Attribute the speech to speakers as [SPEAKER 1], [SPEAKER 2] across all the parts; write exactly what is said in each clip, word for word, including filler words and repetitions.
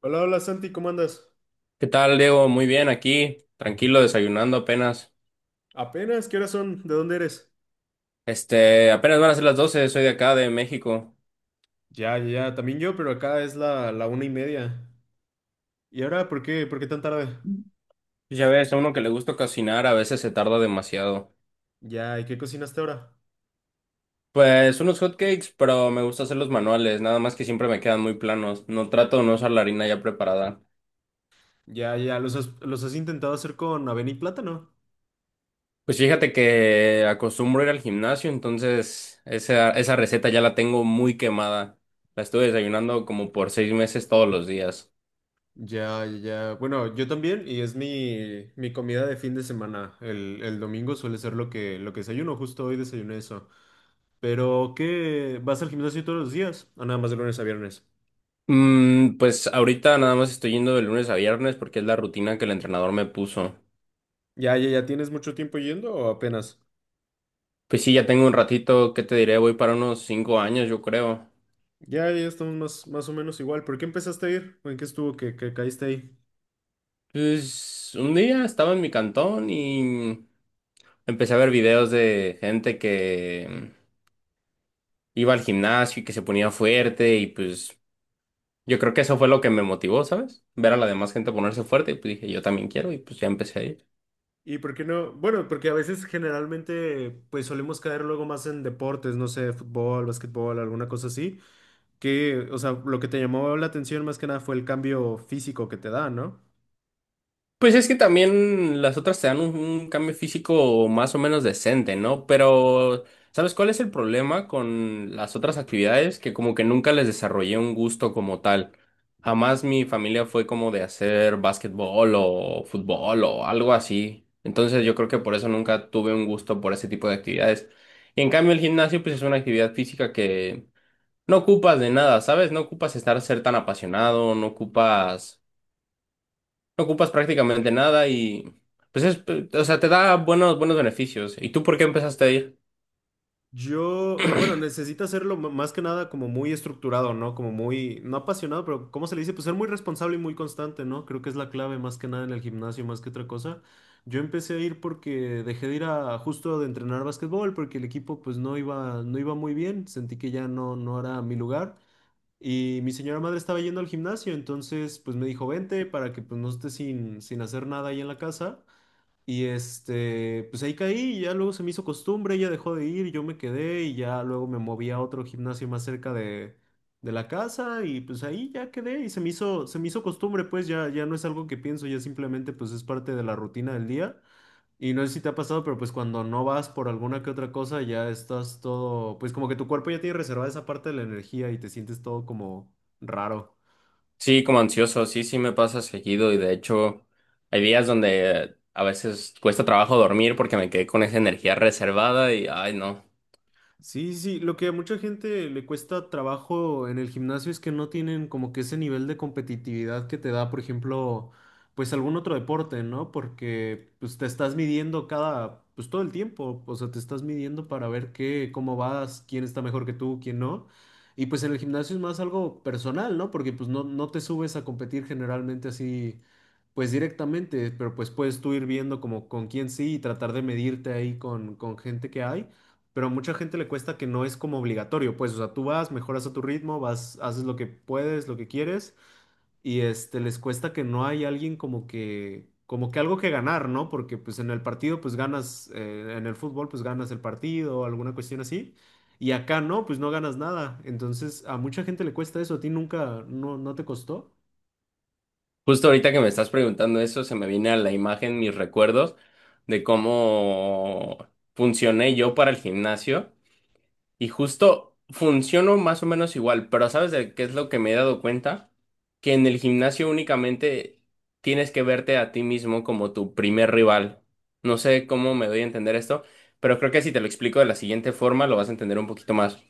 [SPEAKER 1] Hola, hola Santi, ¿cómo andas?
[SPEAKER 2] ¿Qué tal, Diego? Muy bien, aquí, tranquilo, desayunando apenas.
[SPEAKER 1] Apenas, ¿qué horas son? ¿De dónde eres?
[SPEAKER 2] Este, apenas van a ser las doce. Soy de acá, de México.
[SPEAKER 1] Ya, ya, ya, también yo, pero acá es la, la una y media. ¿Y ahora por qué? ¿Por qué tan tarde?
[SPEAKER 2] Pues, Ya ves, a uno que le gusta cocinar a veces se tarda demasiado.
[SPEAKER 1] Ya, ¿y qué cocinaste ahora?
[SPEAKER 2] Pues unos hotcakes, pero me gusta hacer los manuales, nada más que siempre me quedan muy planos. No trato de no usar la harina ya preparada.
[SPEAKER 1] Ya, ya, ¿los has, los has intentado hacer con avena y plátano?
[SPEAKER 2] Pues fíjate que acostumbro ir al gimnasio, entonces esa, esa receta ya la tengo muy quemada. La estuve desayunando como por seis meses todos los días.
[SPEAKER 1] Ya, ya, ya. Bueno, yo también, y es mi, mi comida de fin de semana. El, el domingo suele ser lo que, lo que desayuno, justo hoy desayuné eso. Pero, ¿qué? ¿Vas al gimnasio todos los días? ¿O nada más de lunes a viernes?
[SPEAKER 2] Mm, pues ahorita nada más estoy yendo de lunes a viernes porque es la rutina que el entrenador me puso.
[SPEAKER 1] Ya, ya, ya, ¿tienes mucho tiempo yendo o apenas?
[SPEAKER 2] Pues sí, ya tengo un ratito, ¿qué te diré? Voy para unos cinco años, yo creo.
[SPEAKER 1] Ya, ya estamos más, más o menos igual. ¿Por qué empezaste a ir? ¿O ¿En qué estuvo que, que caíste ahí?
[SPEAKER 2] Pues un día estaba en mi cantón y empecé a ver videos de gente que iba al gimnasio y que se ponía fuerte y pues yo creo que eso fue lo que me motivó, ¿sabes? Ver a la demás gente ponerse fuerte y pues dije, yo también quiero y pues ya empecé a ir.
[SPEAKER 1] ¿Y por qué no? Bueno, porque a veces generalmente pues solemos caer luego más en deportes, no sé, fútbol, básquetbol, alguna cosa así, que, o sea, lo que te llamó la atención más que nada fue el cambio físico que te da, ¿no?
[SPEAKER 2] Pues es que también las otras te dan un, un cambio físico más o menos decente, ¿no? Pero, ¿sabes cuál es el problema con las otras actividades? Que como que nunca les desarrollé un gusto como tal. Jamás mi familia fue como de hacer básquetbol o fútbol o algo así. Entonces yo creo que por eso nunca tuve un gusto por ese tipo de actividades. Y en cambio el gimnasio pues es una actividad física que no ocupas de nada, ¿sabes? No ocupas estar ser tan apasionado, no ocupas no ocupas prácticamente nada y pues es, eh, o sea, te da buenos, buenos beneficios. ¿Y tú por qué empezaste a ir?
[SPEAKER 1] Yo, bueno, necesita hacerlo m- más que nada como muy estructurado, ¿no? Como muy, no apasionado, pero ¿cómo se le dice? Pues ser muy responsable y muy constante, ¿no? Creo que es la clave más que nada en el gimnasio, más que otra cosa. Yo empecé a ir porque dejé de ir a justo de entrenar básquetbol porque el equipo pues no iba, no iba muy bien, sentí que ya no, no era mi lugar y mi señora madre estaba yendo al gimnasio, entonces pues me dijo, vente para que pues no estés sin, sin hacer nada ahí en la casa. Y este, pues ahí caí y ya luego se me hizo costumbre, ella dejó de ir, yo me quedé y ya luego me moví a otro gimnasio más cerca de, de la casa y pues ahí ya quedé y se me hizo, se me hizo costumbre, pues ya, ya no es algo que pienso, ya simplemente pues es parte de la rutina del día. Y no sé si te ha pasado, pero pues cuando no vas por alguna que otra cosa ya estás todo, pues como que tu cuerpo ya tiene reservada esa parte de la energía y te sientes todo como raro.
[SPEAKER 2] Sí, como ansioso, sí, sí me pasa seguido y de hecho hay días donde a veces cuesta trabajo dormir porque me quedé con esa energía reservada y ay no.
[SPEAKER 1] Sí, sí, sí, lo que a mucha gente le cuesta trabajo en el gimnasio es que no tienen como que ese nivel de competitividad que te da, por ejemplo, pues algún otro deporte, ¿no? Porque pues te estás midiendo cada, pues todo el tiempo, o sea, te estás midiendo para ver qué, cómo vas, quién está mejor que tú, quién no. Y pues en el gimnasio es más algo personal, ¿no? Porque pues no, no te subes a competir generalmente así, pues directamente, pero pues puedes tú ir viendo como con quién sí y tratar de medirte ahí con, con gente que hay pero a mucha gente le cuesta que no es como obligatorio, pues, o sea, tú vas, mejoras a tu ritmo, vas, haces lo que puedes, lo que quieres, y este, les cuesta que no hay alguien como que, como que algo que ganar, ¿no? Porque pues en el partido, pues ganas, eh, en el fútbol, pues ganas el partido, alguna cuestión así, y acá no, pues no ganas nada, entonces a mucha gente le cuesta eso, ¿a ti nunca, no, no te costó?
[SPEAKER 2] Justo ahorita que me estás preguntando eso, se me viene a la imagen mis recuerdos de cómo funcioné yo para el gimnasio. Y justo funciono más o menos igual, pero ¿sabes de qué es lo que me he dado cuenta? Que en el gimnasio únicamente tienes que verte a ti mismo como tu primer rival. No sé cómo me doy a entender esto, pero creo que si te lo explico de la siguiente forma lo vas a entender un poquito más.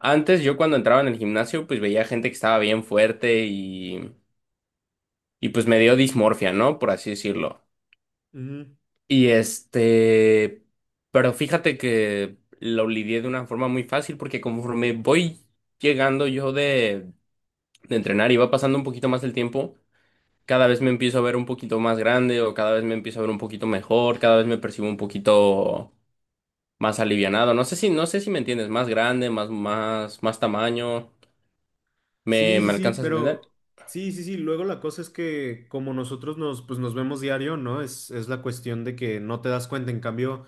[SPEAKER 2] Antes yo cuando entraba en el gimnasio pues veía gente que estaba bien fuerte y, y pues me dio dismorfia, ¿no? Por así decirlo.
[SPEAKER 1] Ujú.
[SPEAKER 2] Y este, pero fíjate que lo lidié de una forma muy fácil porque conforme voy llegando yo de, de entrenar y va pasando un poquito más el tiempo, cada vez me empiezo a ver un poquito más grande o cada vez me empiezo a ver un poquito mejor, cada vez me percibo un poquito más alivianado. No sé si, no sé si me entiendes, más grande, más, más, más tamaño. ¿Me,
[SPEAKER 1] Sí, sí,
[SPEAKER 2] me
[SPEAKER 1] sí,
[SPEAKER 2] alcanzas a entender?
[SPEAKER 1] pero sí, sí, sí. Luego la cosa es que como nosotros nos, pues nos vemos diario, ¿no? Es, es la cuestión de que no te das cuenta. En cambio,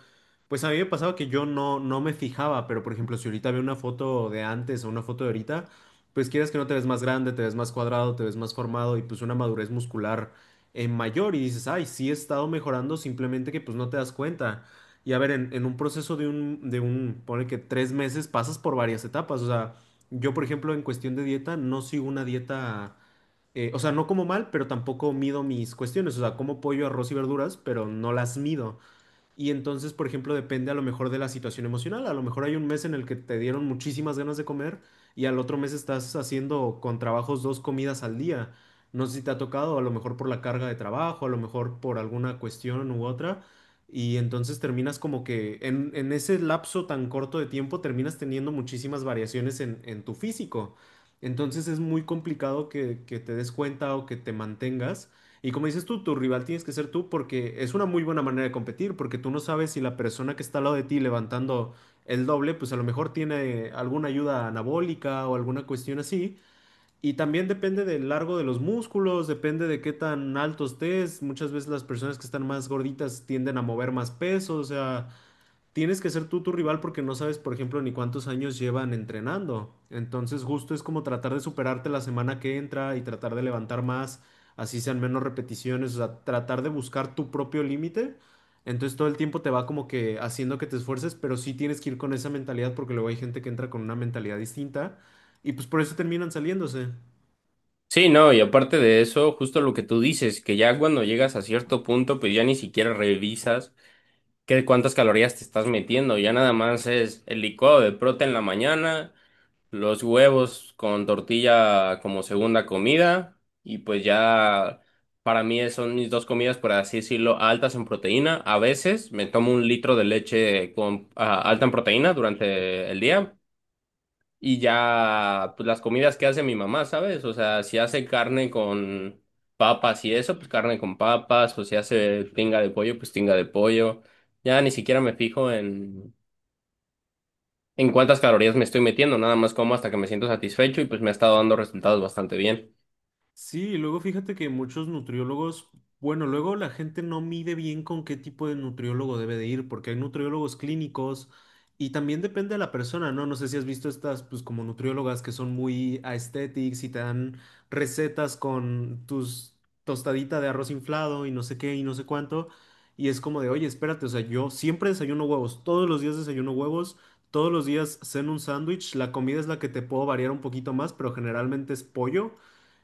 [SPEAKER 1] pues a mí me pasaba que yo no, no me fijaba, pero por ejemplo, si ahorita veo una foto de antes o una foto de ahorita, pues quieres que no te ves más grande, te ves más cuadrado, te ves más formado y pues una madurez muscular eh, mayor y dices, ay, sí he estado mejorando, simplemente que pues no te das cuenta. Y a ver, en, en un proceso de un, de un, ponle que tres meses pasas por varias etapas, o sea. Yo, por ejemplo, en cuestión de dieta, no sigo una dieta, eh, o sea, no como mal, pero tampoco mido mis cuestiones, o sea, como pollo, arroz y verduras, pero no las mido. Y entonces, por ejemplo, depende a lo mejor de la situación emocional. A lo mejor hay un mes en el que te dieron muchísimas ganas de comer y al otro mes estás haciendo con trabajos dos comidas al día. No sé si te ha tocado, a lo mejor por la carga de trabajo, a lo mejor por alguna cuestión u otra. Y entonces terminas como que en, en ese lapso tan corto de tiempo terminas teniendo muchísimas variaciones en, en tu físico. Entonces es muy complicado que, que te des cuenta o que te mantengas. Y como dices tú, tu rival tienes que ser tú porque es una muy buena manera de competir, porque tú no sabes si la persona que está al lado de ti levantando el doble, pues a lo mejor tiene alguna ayuda anabólica o alguna cuestión así. Y también depende del largo de los músculos, depende de qué tan alto estés. Muchas veces las personas que están más gorditas tienden a mover más peso, o sea, tienes que ser tú tu rival porque no sabes, por ejemplo, ni cuántos años llevan entrenando. Entonces, justo es como tratar de superarte la semana que entra y tratar de levantar más, así sean menos repeticiones, o sea, tratar de buscar tu propio límite. Entonces, todo el tiempo te va como que haciendo que te esfuerces, pero sí tienes que ir con esa mentalidad porque luego hay gente que entra con una mentalidad distinta y pues por eso terminan saliéndose.
[SPEAKER 2] Sí, no, y aparte de eso, justo lo que tú dices, que ya cuando llegas a cierto punto, pues ya ni siquiera revisas. Qué cuántas calorías te estás metiendo. Ya nada más es el licuado de proteína en la mañana, los huevos con tortilla como segunda comida y pues ya para mí es- son mis dos comidas, por así decirlo, altas en proteína. A veces me tomo un litro de leche con, ah, alta en proteína durante el día y ya, pues las comidas que hace mi mamá, ¿sabes? O sea, si hace carne con papas y eso, pues carne con papas, o si hace tinga de pollo, pues tinga de pollo. Ya ni siquiera me fijo en, en cuántas calorías me estoy metiendo, nada más como hasta que me siento satisfecho y pues me ha estado dando resultados bastante bien.
[SPEAKER 1] Sí, y luego fíjate que muchos nutriólogos, bueno, luego la gente no mide bien con qué tipo de nutriólogo debe de ir, porque hay nutriólogos clínicos y también depende de la persona, ¿no? No sé si has visto estas, pues como nutriólogas que son muy aesthetics y te dan recetas con tus tostadita de arroz inflado y no sé qué y no sé cuánto, y es como de, oye, espérate, o sea, yo siempre desayuno huevos, todos los días desayuno huevos. Todos los días ceno un sándwich, la comida es la que te puedo variar un poquito más, pero generalmente es pollo.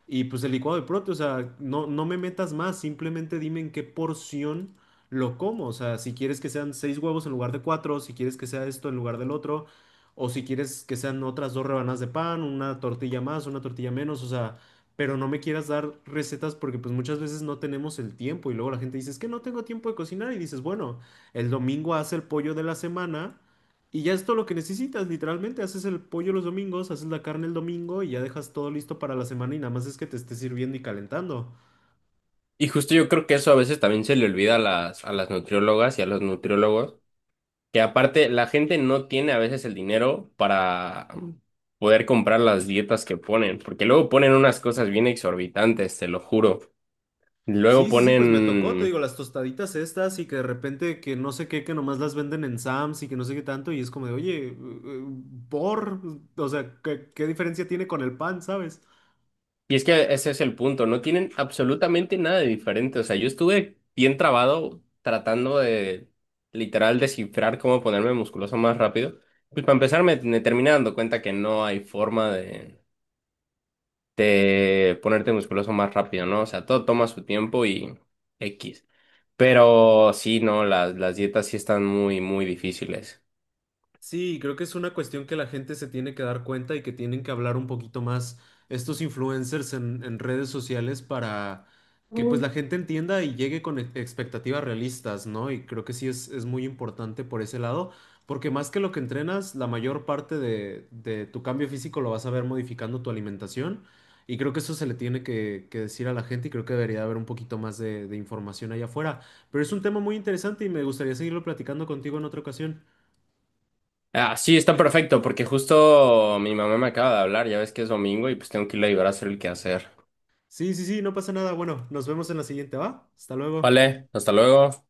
[SPEAKER 1] Y pues el licuado de prote, o sea, no, no me metas más, simplemente dime en qué porción lo como. O sea, si quieres que sean seis huevos en lugar de cuatro, si quieres que sea esto en lugar del otro, o si quieres que sean otras dos rebanadas de pan, una tortilla más, una tortilla menos, o sea, pero no me quieras dar recetas porque pues muchas veces no tenemos el tiempo y luego la gente dice, es que no tengo tiempo de cocinar y dices, bueno, el domingo hace el pollo de la semana y ya es todo lo que necesitas, literalmente. Haces el pollo los domingos, haces la carne el domingo y ya dejas todo listo para la semana y nada más es que te esté sirviendo y calentando.
[SPEAKER 2] Y justo yo creo que eso a veces también se le olvida a las, a las nutriólogas y a los nutriólogos. Que aparte, la gente no tiene a veces el dinero para poder comprar las dietas que ponen, porque luego ponen unas cosas bien exorbitantes, te lo juro. Luego
[SPEAKER 1] Sí, sí, sí, pues me tocó, te digo,
[SPEAKER 2] ponen.
[SPEAKER 1] las tostaditas estas y que de repente que no sé qué, que nomás las venden en Sam's y que no sé qué tanto y es como de, oye, eh, eh, por, o sea, ¿qué, qué diferencia tiene con el pan, sabes?
[SPEAKER 2] Y es que ese es el punto, no tienen absolutamente nada de diferente. O sea, yo estuve bien trabado tratando de literal descifrar cómo ponerme musculoso más rápido. Pues para empezar me, me terminé dando cuenta que no hay forma de, de ponerte musculoso más rápido, ¿no? O sea, todo toma su tiempo y X. Pero sí, no, las, las dietas sí están muy, muy difíciles.
[SPEAKER 1] Sí, creo que es una cuestión que la gente se tiene que dar cuenta y que tienen que hablar un poquito más estos influencers en, en redes sociales para que pues la
[SPEAKER 2] Mm.
[SPEAKER 1] gente entienda y llegue con e- expectativas realistas, ¿no? Y creo que sí es, es muy importante por ese lado, porque más que lo que entrenas, la mayor parte de, de tu cambio físico lo vas a ver modificando tu alimentación y creo que eso se le tiene que, que decir a la gente y creo que debería haber un poquito más de de información allá afuera. Pero es un tema muy interesante y me gustaría seguirlo platicando contigo en otra ocasión.
[SPEAKER 2] Ah, sí, está perfecto, porque justo mi mamá me acaba de hablar, ya ves que es domingo y pues tengo que ir a ayudar a hacer el quehacer.
[SPEAKER 1] Sí, sí, sí, no pasa nada. Bueno, nos vemos en la siguiente, ¿va? Hasta luego.
[SPEAKER 2] Vale, hasta luego.